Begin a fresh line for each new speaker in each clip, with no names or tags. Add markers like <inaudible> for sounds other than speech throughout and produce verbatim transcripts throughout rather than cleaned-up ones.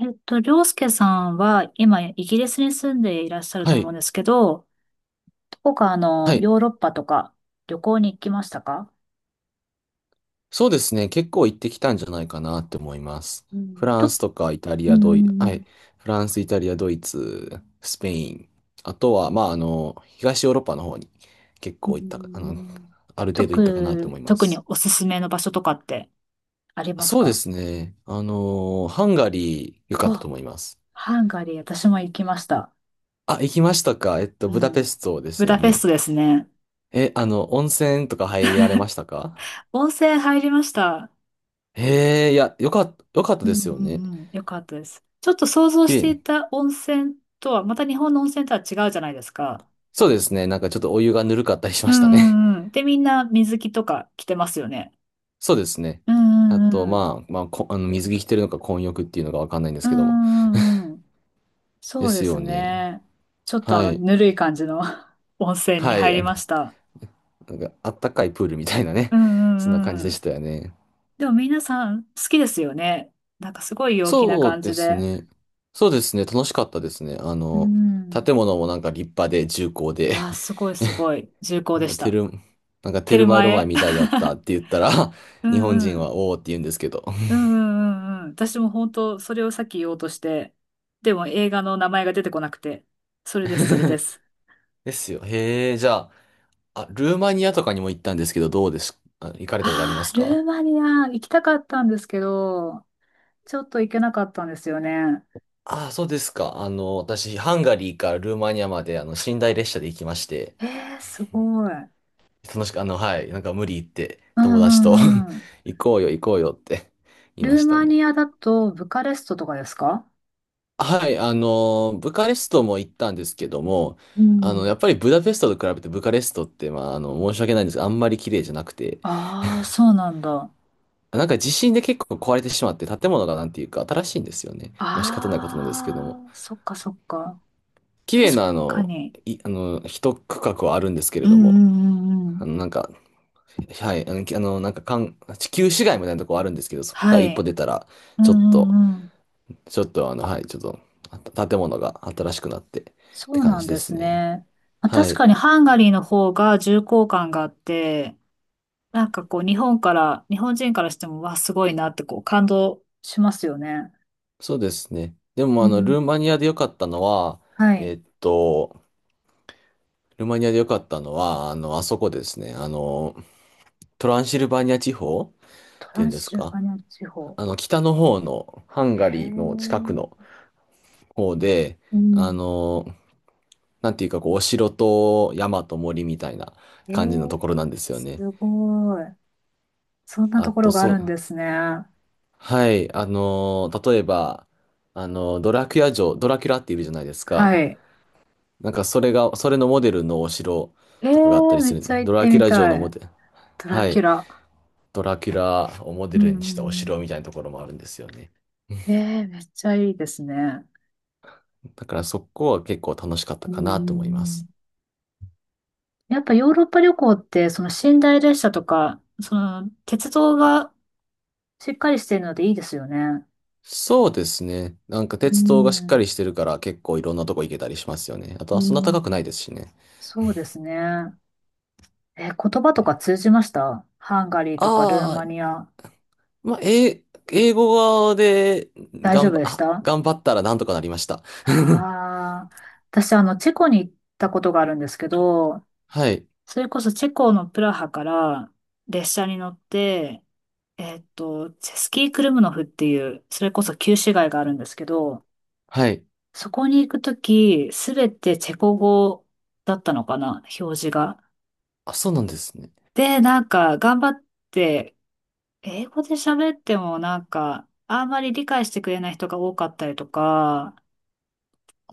えっと、りょうすけさんは今イギリスに住んでいらっしゃると
は
思うん
い。
ですけど、どこかあの
はい。
ヨーロッパとか旅行に行きましたか？
そうですね。結構行ってきたんじゃないかなって思います。
うん、
フラン
と、
スとかイタリ
う
ア、ドイ、は
ん、
い。フランス、イタリア、ドイツ、スペイン。あとは、まあ、あの、東ヨーロッパの方に結
う
構行ったか、あの、
ん。
ある程度行ったかなと
特、
思いま
特に
す。
おすすめの場所とかってあります
そうで
か？
すね。あの、ハンガリー良かったと
あ、
思います。
ハンガリー、私も行きました。
あ、行きましたか。えっと、
う
ブダペ
ん、
ストで
ブ
すよ
ダペス
ね。
トですね。
え、あの、温泉とか入られましたか？
温泉入りました。
へえ、いや、よかった、よかった
うん、
ですよ
う
ね。
んうんよかったです。ちょっと想像
綺
して
麗。
いた温泉とは、また日本の温泉とは違うじゃないですか。
そうですね。なんかちょっとお湯がぬるかったりし
う
ましたね。
んうんうん。で、みんな水着とか着てますよね。
<laughs> そうですね。
う
あ
んう
と、
んうん。
まあ、まあ、こ、あの、水着着てるのか混浴っていうのがわかんないんで
う
すけども。
んうんうん。
で
そうで
す
す
よね。
ね。ちょっとあ
は
の、
い。
ぬるい感じの <laughs> 温泉に
はい。
入
あ
り
の
ました。
なんか、あったかいプールみたいなね。
う
<laughs> そんな感
ん
じ
うん
で
う
し
ん。
たよね。
でも皆さん好きですよね。なんかすごい陽気な
そう
感
で
じ
す
で。
ね。そうですね。楽しかったですね。あ
う
の、
ん。
建物もなんか立派で重厚で、
あー、
<laughs>
すごいすごい。重厚
なん
で
か
し
テ
た。
ル、なんかテ
テ
ル
ル
マエ
マ
ロマエ
エ。
み
<laughs>
たいやったって言ったら、
う
<laughs> 日本
んう
人
ん。
はおーって言うんですけど。
うんうんうんうん。私も本当それをさっき言おうとして、でも映画の名前が出てこなくて、それです、それで
<laughs>
す。
ですよ。へえ、じゃあ、あ、ルーマニアとかにも行ったんですけど、どうです？あ行かれたことありま
あ
す
あ、ル
か？
ーマニア行きたかったんですけど、ちょっと行けなかったんですよね。
ああ、そうですか。あの、私、ハンガリーからルーマニアまで、あの、寝台列車で行きまして、
ええー、すごい。うん
楽しく、あの、はい、なんか無理言って、
う
友達と
んうん。
<laughs> 行こうよ、行こうよって <laughs> 言い
ル
ま
ー
した
マ
ね。
ニアだとブカレストとかですか？
はい、あの、ブカレストも行ったんですけども、
う
あの、
ん。
やっぱりブダペストと比べてブカレストって、まあ、あの、申し訳ないんですが、あんまり綺麗じゃなくて、
ああ、そうなんだ。
なんか地震で結構壊れてしまって、建物がなんていうか新しいんですよね。まあ仕方ないことなんですけども。
ああ、そっかそっか。
綺麗
確
なあ
か
の、
に。
い、あの、一区画はあるんですけ
う
れ
んう
ども、
んうんう
あ
ん。
の、なんか、はい、あの、きあのなんか、かん、地球市街みたいなとこあるんですけど、そこか
は
ら一歩
い。
出たら、
うん
ちょっ
う
と、
んうん。
ちょっとあの、はい、ちょっと、あ建物が新しくなってっ
そ
て
う
感
なん
じで
で
す
す
ね。
ね。まあ
は
確
い、
かにハンガリーの方が重厚感があって、なんかこう、日本から、日本人からしても、わあ、すごいなってこう、感動しますよね。
そうですね。で
う
も、あの、
ん。
ルーマニアで良かったのは、
はい。
えっと、ルーマニアで良かったのは、あの、あそこですね、あの、トランシルバニア地方っ
トラ
ていうん
ン
です
シル
か、
バニア地方。
あの、北の方のハンガ
へ
リーの近く
え、
の、方で、
うん。
あの、なんていうか、こう、お城と山と森みたいな
え
感じの
ー、
ところなんですよね。
すごい。そんな
あ
とこ
と、
ろがあ
そ
るん
う、
ですね。
はい、あの、例えば、あの、ドラキュラ城、ドラキュラっているじゃないです
は
か。
い。
なんか、それが、それのモデルのお城
え
とかがあった
ー、
り
め
す
っ
る。
ちゃ行
ド
っ
ラ
て
キュ
み
ラ城
た
のモ
い。
デル、
ドラ
は
キュ
い、
ラ。
ドラキュラをモ
う
デル
んう
にしたお城
ん
みたいなところもあるんですよね。
うん。えー、めっちゃいいですね。
だから、そこは結構楽しかった
うんう
か
んう
なと思いま
ん。
す。
やっぱヨーロッパ旅行って、その寝台列車とか、その鉄道がしっかりしているのでいいですよね。
そうですね。なんか
う
鉄道がしっかり
ん、
してるから結構いろんなとこ行けたりしますよね。あと
う
はそんな高くない
ん。
ですしね。
そうですね。え、言葉とか通じましたハンガリーとかルー
あ
マ
あ、
ニア。
まあ、英英語で
大丈
頑
夫
張、
でし
あ、
た？
頑張ったらなんとかなりました。<laughs>
ああー、私、あの、チェコに行ったことがあるんですけど、
はい。
それこそチェコのプラハから列車に乗って、えっと、チェスキークルムノフっていう、それこそ旧市街があるんですけど、
はい。
そこに行くとき、すべてチェコ語だったのかな、表示が。
あ、そうなんですね。
で、なんか、頑張って、英語で喋っても、なんか、あんまり理解してくれない人が多かったりとか、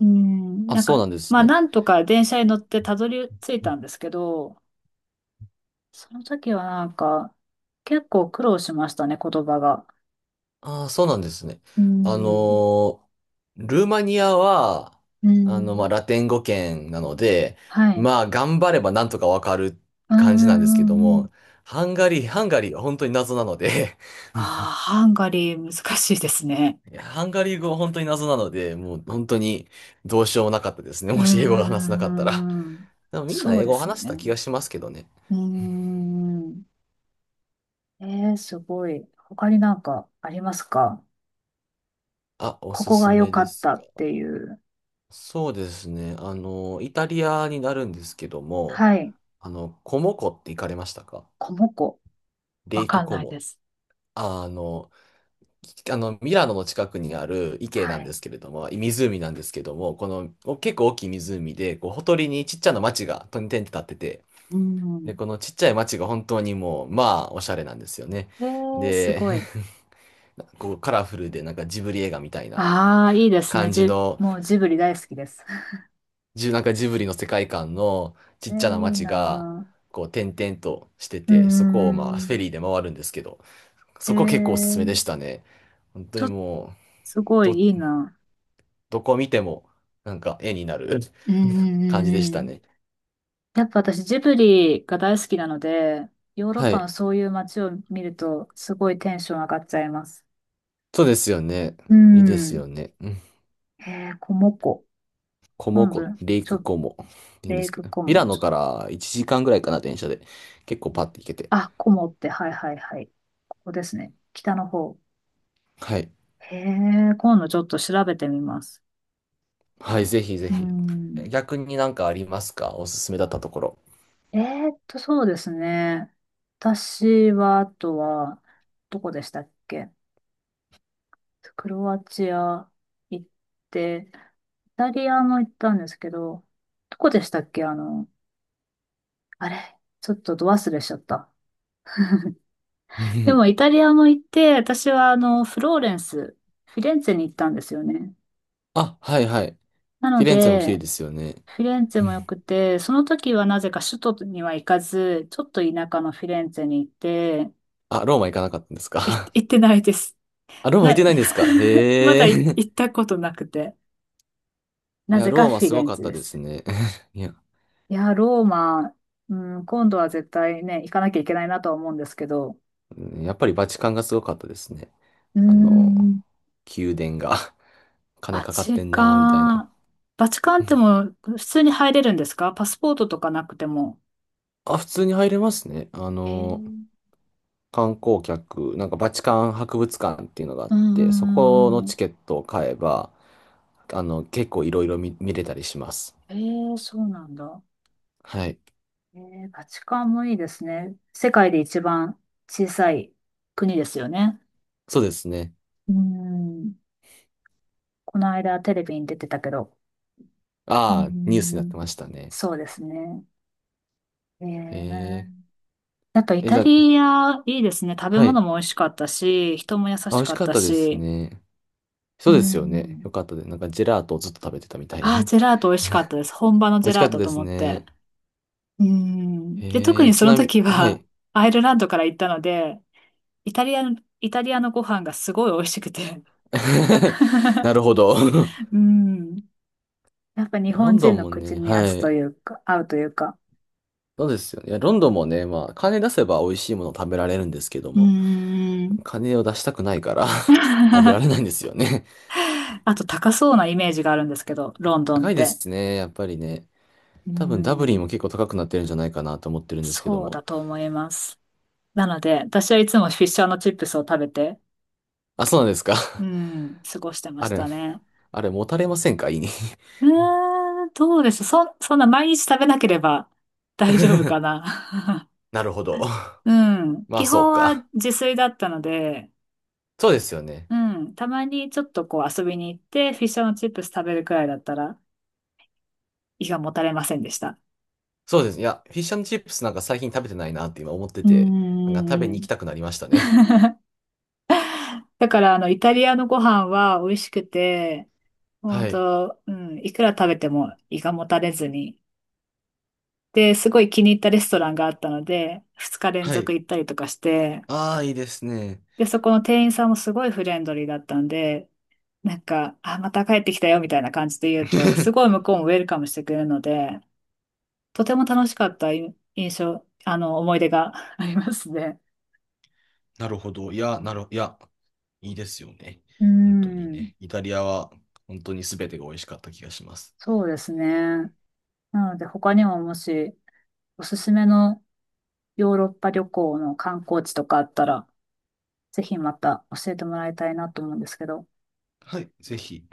うん、
あ、
なん
そう
か、
なんです
まあ、
ね。
なんとか電車に乗ってたどり着いたんですけど、その時はなんか、結構苦労しましたね、言葉が。
ああ、そうなんですね。
う
あの
ん、
ールーマニアは、
う
あの、ま
ん、
あ、ラテン語圏なので、
はい。
まあ、頑張ればなんとかわかる
うん、
感じなん
う
ですけど
ん、うん。
も、ハンガリー、ハンガリーは本当に謎なので、
ああ、ハンガリー難しいですね。
いや、ハンガリー語は本当に謎なので、もう本当にどうしようもなかったですね。
うん、
も
う
し英語が話せなかったら。
んうんうん
でもみんな
そう
英
で
語を
すよ
話した
ね。
気がしますけどね。
うん。えー、すごい。他になんかありますか？
あ、お
こ
す
こが
す
良
め
か
で
っ
す
た
か。
っていう。
そうですね。あの、イタリアになるんですけども、
はい。
あの、コモ湖って行かれましたか？
コモコ。
レ
わ
イク
かん
コ
ないで
モ。
す。
あの、きあの、ミラノの近くにある池な
は
んで
い。
すけれども、湖なんですけども、このお結構大きい湖で、こう、ほとりにちっちゃな町が点々と立ってて、
う
で、
ん。
このちっちゃい町が本当にもう、まあ、おしゃれなんですよね。
えー、す
で、
ごい。
<laughs> こうカラフルでなんかジブリ映画みたいな
ああ、いいですね。
感じ
じ、
の、
もうジブリ大好きです。<laughs>
じなんかジブリの世界観のち
えー、
っちゃな
いい
町が、
な
こう、点々として
ー。うー
て、そこをまあ、フェ
ん。
リーで回るんですけど、
え
そこ結構おすすめで
ー、
したね。本当
ちょ
に
っと、
もう、
すご
ど、
いいいな
どこ見ても、なんか絵になる
ぁ。うんうん
感じで
うん
し
う
た
ん。
ね。
やっぱ私ジブリが大好きなので、ヨーロッ
は
パの
い。
そういう街を見ると、すごいテンション上がっちゃいます。
そうですよね。
う
いいです
ん。
よね。うん、
えー、こもこ。
コ
な
モ
んで、
湖、レイ
ち
ク
ょ、
コモって言うんで
レイ
すけ
ク
ど、
コ
ミ
モ
ラ
ン
ノ
ズ。
からいちじかんぐらいかな、電車で。結構パッて行けて。
あ、こもって、はいはいはい。ここですね。北の方。
はい。
へえ、今度ちょっと調べてみます。
はい、ぜひぜ
う
ひ。
ん。
逆になんかありますか？おすすめだったところ。
えーっと、そうですね。私は、あとは、どこでしたっけ？クロアチア行って、イタリアも行ったんですけど、どこでしたっけ？あの、あれ、ちょっとど忘れしちゃった。でもイ
<laughs>
タリアも行って、私はあの、フローレンス、フィレンツェに行ったんですよね。
あ、はいはい。
な
フ
の
ィレンツェも綺
で、
麗ですよね。
フィレンツェも良
<laughs>
くて、その時はなぜか首都には行かず、ちょっと田舎のフィレンツェに行って、
あ、ローマ行かなかったんです
い
か？
行っ
<laughs>
てないです。
あ、ローマ行っ
な、
てないんですか？
<laughs> ま
へ
だい
え。
行ったことなくて。
<laughs> い
な
や、
ぜ
ロ
か
ーマ
フィ
す
レ
ご
ン
かっ
ツェ
た
で
です
す。
ね。<laughs> いや、
いや、ローマ、うん、今度は絶対ね、行かなきゃいけないなとは思うんですけど、
うん、やっぱりバチカンがすごかったですね。
う
あの、
ん、
宮殿が <laughs> 金
バ
かかって
チ
んなーみたい
カ
な。
ン。バチカンってもう普通に入れるんですか？パスポートとかなくても。
あ、普通に入れますね。あ
え
の、
ー、
観光客、なんかバチカン博物館っていうのがあっ
うんう
て、そこ
んう
の
んうん。
チケットを買えば、あの、結構いろいろ見、見れたりします。
えーそうなんだ。
はい。
えーバチカンもいいですね。世界で一番小さい国ですよね。
そうですね。
うん。この間テレビに出てたけど。う
ああ、ニュースになって
ん。
ましたね。
そうですね。
え
ええやっぱイ
ー、え、
タ
じゃあ、
リアいいですね。食べ
は
物
い。
も美味しかったし、人も優
あ、美
し
味し
かっ
かっ
た
たです
し。
ね。
う
そうですよね。よ
ん。
かったです。なんかジェラートをずっと食べてたみたいな
ああ、
ね。
ジェラート美味しかったです。本場の
美
ジェ
味し
ラ
か
ー
った
ト
で
と
す
思って。
ね。
うん。で、特
え
に
ー、
そ
ち
の
なみに、
時
は
は、
い。
<laughs> アイルランドから行ったので、イタリアの、イタリアのご飯がすごい美味しくて。
<laughs> な
<laughs>
るほど。<laughs>
うん。やっぱ日
ロ
本
ンド
人
ン
の
も
口
ね、
に合
は
つと
い。
いうか、合うというか。
そうですよね。いや、ロンドンもね、まあ、金出せば美味しいもの食べられるんですけど
う
も、
ん。
金を出したくないから <laughs> 食べら
<laughs>
れないんですよね。
あと高そうなイメージがあるんですけど、ロンドンっ
高いで
て。
すね、やっぱりね。
う
多分ダブリン
ん。
も結構高くなってるんじゃないかなと思ってるんですけど
そうだ
も。
と思います。なので、私はいつもフィッシャーのチップスを食べて、
あ、そうなんですか。
う
<laughs>
ん、過ごしてま
あ
し
れ、
たね。
あれ、持たれませんか？胃に。
うーん、どうでしょう。そ、そんな毎日食べなければ <laughs> 大丈夫か
<laughs>
な。
なるほど。<laughs>
<laughs> うん。
まあ、
基
そう
本は
か。
自炊だったので、
そうですよね。
うん。たまにちょっとこう遊びに行って、フィッシュチップス食べるくらいだったら、胃がもたれませんでした。
そうです。いや、フィッシュチップスなんか最近食べてないなって今思って
う
て、なんか食べ
ー
に行
ん。
きたくなりましたね。
<laughs> だから、あの、イタリアのご飯は美味しくて、本
はい。
当、うん、いくら食べても胃がもたれずに。で、すごい気に入ったレストランがあったので、ふつか連
は
続
い。
行ったりとかして、
ああ、いいですね。
で、そこの店員さんもすごいフレンドリーだったんで、なんか、あ、また帰ってきたよみたいな感じで言うと、すご
<laughs>
い向こうもウェルカムしてくれるので、とても楽しかったい印象、あの、思い出が <laughs> ありますね。
なるほど。いや、なる、いや、いいですよね。
う
本当に
ん、
ね。イタリアは本当に全てが美味しかった気がします。
そうですね。なので、他にももし、おすすめのヨーロッパ旅行の観光地とかあったら、ぜひまた教えてもらいたいなと思うんですけど。
はい、ぜひ。